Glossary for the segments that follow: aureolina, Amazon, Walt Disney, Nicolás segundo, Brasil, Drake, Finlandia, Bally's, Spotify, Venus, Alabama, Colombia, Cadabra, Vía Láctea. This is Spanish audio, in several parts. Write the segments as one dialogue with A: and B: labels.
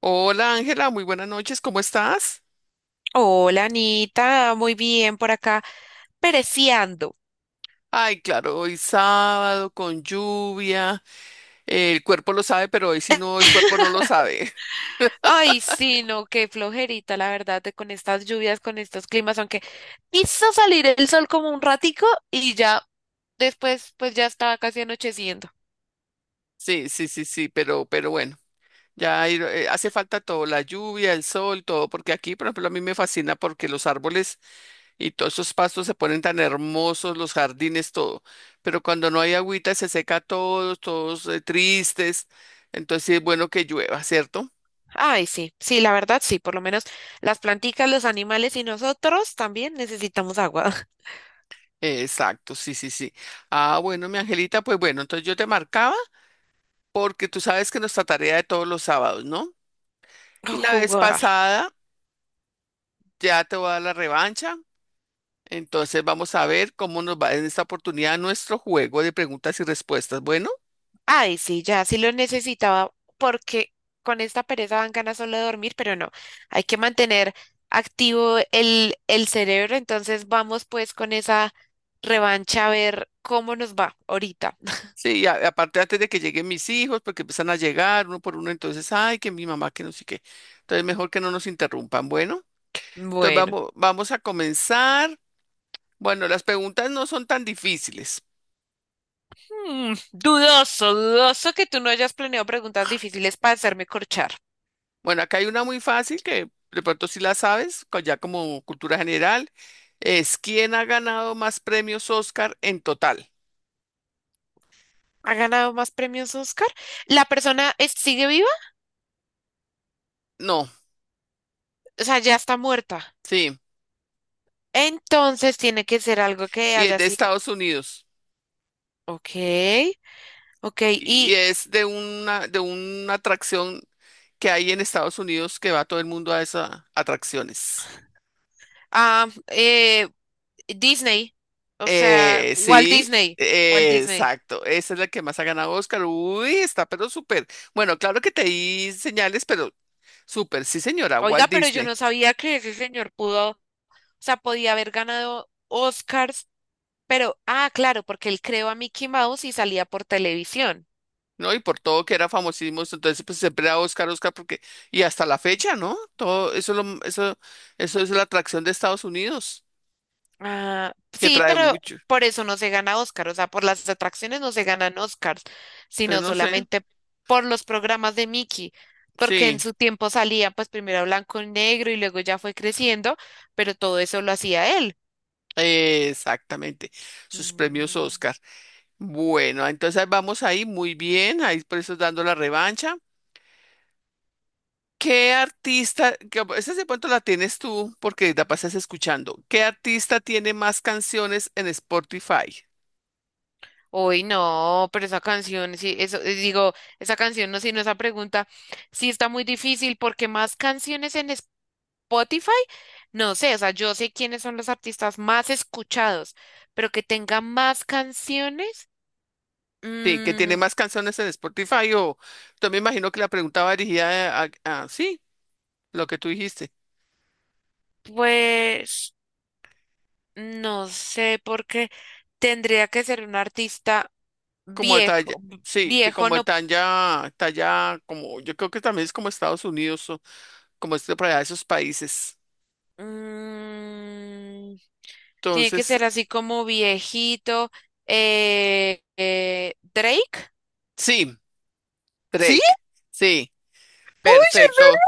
A: Hola Ángela, muy buenas noches, ¿cómo estás?
B: Hola Anita, muy bien por acá, pereciando.
A: Ay, claro, hoy sábado con lluvia, el cuerpo lo sabe, pero hoy si no, el cuerpo no lo sabe.
B: Ay, sí, no, qué flojerita, la verdad, de con estas lluvias, con estos climas, aunque quiso salir el sol como un ratico y ya después, pues ya estaba casi anocheciendo.
A: Sí, sí, sí, sí, pero bueno, hace falta todo, la lluvia, el sol, todo, porque aquí, por ejemplo, a mí me fascina porque los árboles y todos esos pastos se ponen tan hermosos, los jardines, todo, pero cuando no hay agüita se seca todo, todos tristes, entonces sí es bueno que llueva, ¿cierto?
B: Ay, sí, sí, la verdad, sí, por lo menos las planticas, los animales y nosotros también necesitamos agua.
A: Exacto, sí, sí, sí. Ah, bueno, mi Angelita, pues bueno, entonces yo te marcaba porque tú sabes que nuestra tarea de todos los sábados, ¿no? Y la
B: O
A: vez
B: jugar.
A: pasada ya te voy a dar la revancha, entonces vamos a ver cómo nos va en esta oportunidad nuestro juego de preguntas y respuestas. Bueno,
B: Ay, sí, ya sí lo necesitaba porque con esta pereza dan ganas solo de dormir, pero no, hay que mantener activo el cerebro, entonces vamos pues con esa revancha a ver cómo nos va ahorita.
A: sí, aparte antes de que lleguen mis hijos, porque empiezan a llegar uno por uno, entonces, ay, que mi mamá, que no sé qué. Entonces, mejor que no nos interrumpan. Bueno, entonces
B: Bueno,
A: vamos, vamos a comenzar. Bueno, las preguntas no son tan difíciles.
B: dudoso, dudoso que tú no hayas planeado preguntas difíciles para hacerme corchar.
A: Bueno, acá hay una muy fácil que de pronto sí la sabes, ya como cultura general, es ¿quién ha ganado más premios Oscar en total?
B: ¿Ha ganado más premios Oscar? ¿La persona sigue viva?
A: No,
B: O sea, ya está muerta.
A: sí,
B: Entonces tiene que ser algo que
A: y es
B: haya
A: de
B: sido.
A: Estados Unidos
B: Ok, ok.
A: y es de una atracción que hay en Estados Unidos que va todo el mundo a esas atracciones.
B: Ah, Disney, o sea,
A: Eh,
B: Walt
A: sí,
B: Disney. Walt Disney.
A: exacto, esa es la que más ha ganado Oscar. Uy, está pero súper. Bueno, claro que te di señales, pero súper, sí señora,
B: Oiga,
A: Walt
B: pero yo
A: Disney.
B: no sabía que ese señor pudo, o sea, podía haber ganado Oscars, pero, ah, claro, porque él creó a Mickey Mouse y salía por televisión.
A: ¿No? Y por todo que era famosísimo, entonces pues siempre era Oscar, Oscar, porque, y hasta la fecha, ¿no? Todo eso, eso es la atracción de Estados Unidos,
B: Ah,
A: que
B: sí,
A: trae
B: pero
A: mucho.
B: por eso no se gana Oscar, o sea, por las atracciones no se ganan Oscars,
A: Entonces,
B: sino
A: no sé,
B: solamente por los programas de Mickey, porque en
A: sí,
B: su tiempo salía pues primero a blanco y negro y luego ya fue creciendo, pero todo eso lo hacía él.
A: exactamente, sus premios
B: Mm.
A: Oscar. Bueno, entonces vamos ahí, muy bien, ahí por eso dando la revancha. ¿Qué artista, esa de pronto la tienes tú porque la pasas escuchando? ¿Qué artista tiene más canciones en Spotify?
B: Uy, no, pero esa canción, sí, eso, digo, esa canción, no, sino esa pregunta, sí está muy difícil porque más canciones en Spotify, no sé, o sea, yo sé quiénes son los artistas más escuchados, pero que tenga más canciones,
A: Sí, que tiene
B: mm,
A: más canciones en Spotify o yo me imagino que la pregunta va dirigida sí, lo que tú dijiste,
B: pues no sé, porque tendría que ser un artista
A: como de talla,
B: viejo,
A: sí, de
B: viejo
A: como de
B: no,
A: talla, talla, como yo creo que también es como Estados Unidos o como este para allá, esos países.
B: mm, Tiene que
A: Entonces,
B: ser así como viejito. ¿Drake?
A: sí,
B: ¿Sí?
A: Drake, sí,
B: ¡Uy, yo
A: perfecto.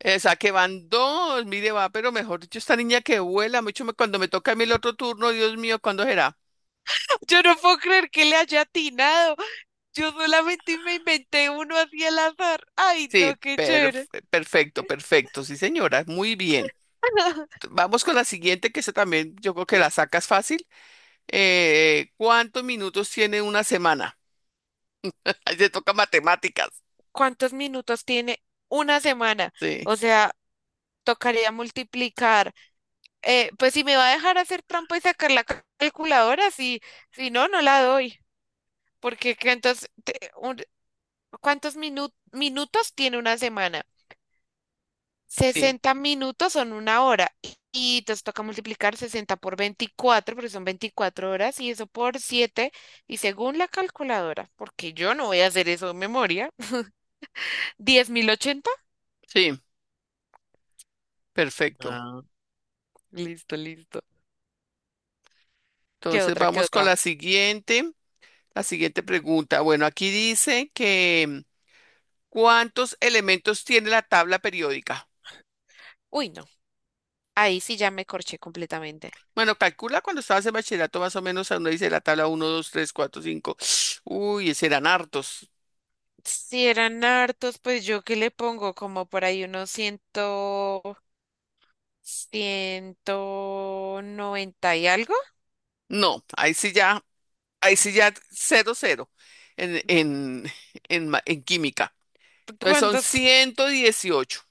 A: Esa que van dos, mire, va, pero mejor dicho, esta niña que vuela mucho, cuando me toca a mí el otro turno, Dios mío, ¿cuándo será?
B: no, yo no puedo creer que le haya atinado! Yo solamente me inventé uno así al azar. ¡Ay, no,
A: Sí,
B: qué chévere!
A: perfecto, perfecto, sí, señora, muy bien. Vamos con la siguiente, que esa también yo creo que la sacas fácil. ¿Cuántos minutos tiene una semana? Ahí te toca matemáticas.
B: ¿Cuántos minutos tiene una semana?
A: Sí,
B: O sea, tocaría multiplicar. Pues si me va a dejar hacer trampa y sacar la calculadora, si no, no la doy. Porque que entonces, te- un- ¿Cuántos minutos tiene una semana?
A: sí,
B: 60 minutos son una hora y entonces toca multiplicar 60 por 24 porque son 24 horas y eso por 7 y según la calculadora, porque yo no voy a hacer eso de memoria, 10.080.
A: sí, perfecto.
B: Ah, listo, listo. ¿Qué
A: Entonces
B: otra? ¿Qué
A: vamos con
B: otra?
A: la siguiente pregunta. Bueno, aquí dice que ¿cuántos elementos tiene la tabla periódica?
B: Uy, no. Ahí sí ya me corché completamente.
A: Bueno, calcula cuando estabas en bachillerato más o menos, a uno dice la tabla uno, 2, 3, 4, 5. Uy, ese eran hartos.
B: Si eran hartos, pues yo qué le pongo como por ahí unos ciento noventa y algo.
A: No, ahí sí ya cero, cero en, en, en química. Entonces son
B: ¿Cuántos?
A: 118,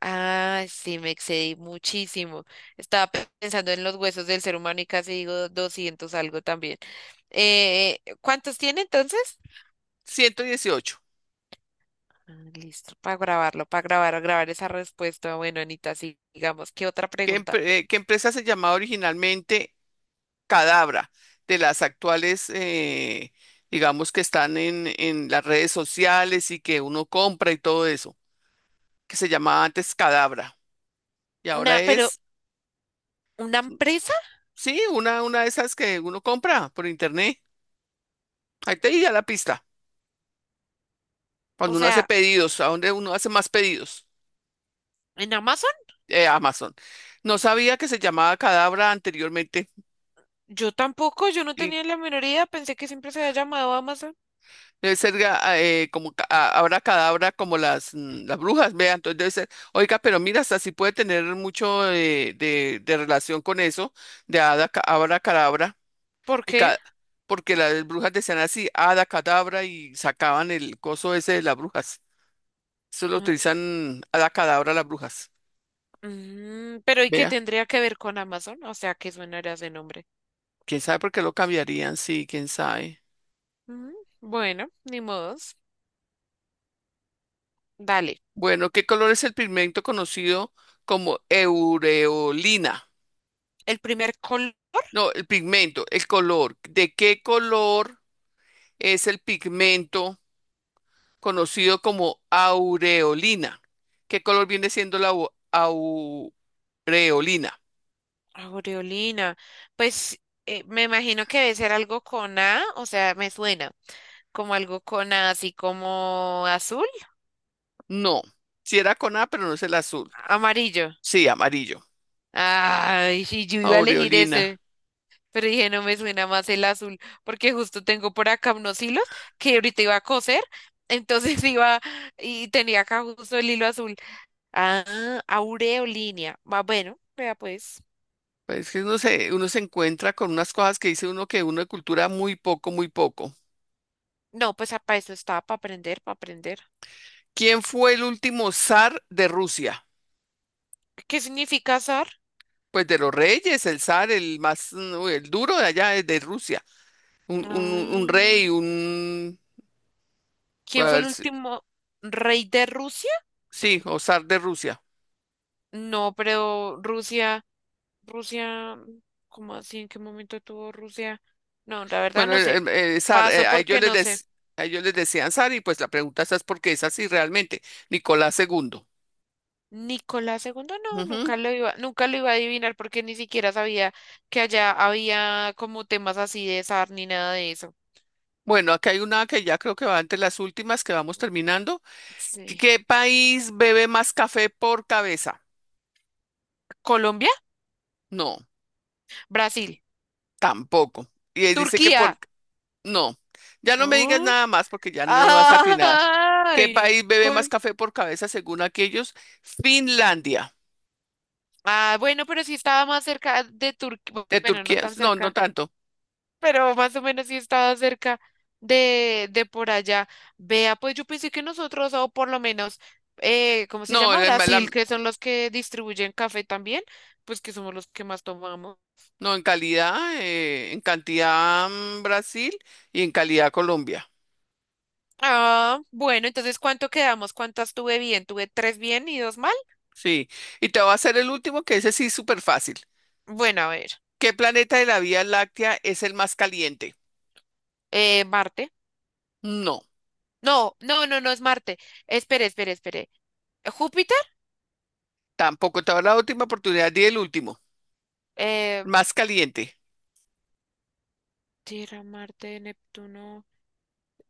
B: Ah, sí, me excedí muchísimo. Estaba pensando en los huesos del ser humano y casi digo 200 algo también. ¿Cuántos tiene entonces?
A: 118.
B: Ah, listo, para grabarlo, para grabar esa respuesta. Bueno, Anita, sigamos. ¿Qué otra
A: ¿Qué, empre-
B: pregunta?
A: eh, qué empresa se llamaba originalmente Cadabra? De las actuales, digamos, que están en las redes sociales y que uno compra y todo eso, que se llamaba antes Cadabra. Y ahora
B: Una, pero
A: es,
B: ¿una empresa?
A: sí, una de esas que uno compra por internet. Ahí te di ya la pista.
B: O
A: Cuando uno hace
B: sea,
A: pedidos, ¿a dónde uno hace más pedidos?
B: ¿en Amazon?
A: Amazon. No sabía que se llamaba Cadabra anteriormente.
B: Yo tampoco, yo no
A: Y
B: tenía la menor idea, pensé que siempre se había llamado Amazon.
A: debe ser como ahora Cadabra como las brujas, vea, entonces debe ser, oiga, pero mira, hasta sí puede tener mucho de relación con eso, de Hada, Ca- Abra, Cadabra,
B: ¿Por
A: y
B: qué?
A: ca- porque las brujas decían así, Hada, Cadabra, y sacaban el coso ese de las brujas. Eso lo
B: Ah,
A: utilizan Hada, Cadabra las brujas.
B: pero ¿y qué
A: Vea,
B: tendría que ver con Amazon? O sea, ¿qué suena ese nombre?
A: quién sabe por qué lo cambiarían, sí, quién sabe.
B: Mm, bueno, ni modo. Vale,
A: Bueno, ¿qué color es el pigmento conocido como eureolina?
B: el primer color,
A: No, el pigmento, el color. ¿De qué color es el pigmento conocido como aureolina? ¿Qué color viene siendo la aureolina?
B: aureolina, pues me imagino que debe ser algo con A, o sea, me suena como algo con A, así como azul,
A: No, si era con A, pero no es el azul.
B: amarillo.
A: Sí, amarillo.
B: Ay, sí, yo iba a elegir
A: Aureolina.
B: ese, pero dije, no me suena más el azul, porque justo tengo por acá unos hilos que ahorita iba a coser, entonces iba y tenía acá justo el hilo azul. Ah, aureolina, va bueno, vea pues.
A: Pues es que no sé, uno se encuentra con unas cosas que dice uno que uno de cultura muy poco, muy poco.
B: No, pues ah, para eso estaba, para aprender, para aprender.
A: ¿Quién fue el último zar de Rusia?
B: ¿Qué significa zar?
A: Pues de los reyes, el zar, el más, el duro de allá es de Rusia. Un
B: Ah,
A: rey, a
B: ¿quién fue
A: ver,
B: el último rey de Rusia?
A: sí, o zar de Rusia.
B: No, pero Rusia, Rusia, ¿cómo así? ¿En qué momento tuvo Rusia? No, la verdad
A: Bueno,
B: no
A: el,
B: sé.
A: el- el zar,
B: Paso porque no sé.
A: a ellos les decían zar y pues la pregunta esa es porque es así realmente, Nicolás II.
B: Nicolás II, no,
A: Ujú.
B: nunca lo iba a adivinar porque ni siquiera sabía que allá había como temas así de zar ni nada de eso.
A: Bueno, aquí hay una que ya creo que va entre las últimas que vamos terminando. ¿Qué,
B: Sí.
A: qué país bebe más café por cabeza?
B: Colombia,
A: No,
B: Brasil,
A: tampoco. Y él dice que
B: Turquía.
A: por, no, ya no me digas
B: ¿No?
A: nada más porque ya no lo vas a atinar. ¿Qué
B: ¡Ay!
A: país bebe más
B: ¿Cuál?
A: café por cabeza según aquellos? Finlandia.
B: Ah, bueno, pero sí estaba más cerca de Turquía,
A: De
B: bueno, no
A: Turquía,
B: tan
A: no, no
B: cerca,
A: tanto.
B: pero más o menos sí estaba cerca de por allá. Vea, pues yo pensé que nosotros, o por lo menos, ¿cómo se
A: No,
B: llama? Brasil, que son los que distribuyen café también, pues que somos los que más tomamos.
A: en calidad, en cantidad Brasil y en calidad Colombia.
B: Ah, bueno, entonces, ¿cuánto quedamos? ¿Cuántas tuve bien? ¿Tuve tres bien y dos mal?
A: Sí. Y te voy a hacer el último, que ese sí es súper fácil.
B: Bueno, a ver,
A: ¿Qué planeta de la Vía Láctea es el más caliente?
B: Marte.
A: No,
B: No, no, no, no es Marte. Espere, espere, espere. ¿Júpiter?
A: tampoco. Te voy a dar la última oportunidad y el último.
B: Eh,
A: Más caliente.
B: Tierra, Marte, Neptuno.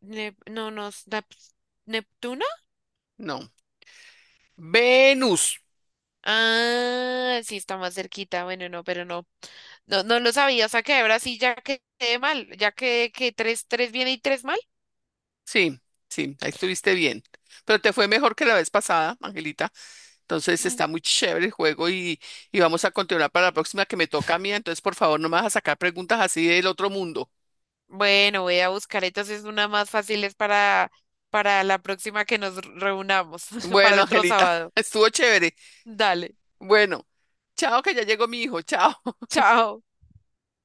B: No, no, es ¿Neptuno?
A: No. Venus.
B: Ah, sí, está más cerquita. Bueno, no, pero no. No, no lo sabía. O sea que ahora sí ya quedé mal. Ya quedé que tres, tres bien y tres mal.
A: Sí, sí, ahí estuviste bien. Pero te fue mejor que la vez pasada, Angelita. Entonces
B: Mm.
A: está muy chévere el juego y vamos a continuar para la próxima que me toca a mí. Entonces, por favor, no me vas a sacar preguntas así del otro mundo.
B: Bueno, voy a buscar entonces una más fácil es para la próxima que nos reunamos, para
A: Bueno,
B: el otro
A: Angelita,
B: sábado.
A: estuvo chévere.
B: Dale,
A: Bueno, chao, que ya llegó mi hijo. Chao.
B: chao.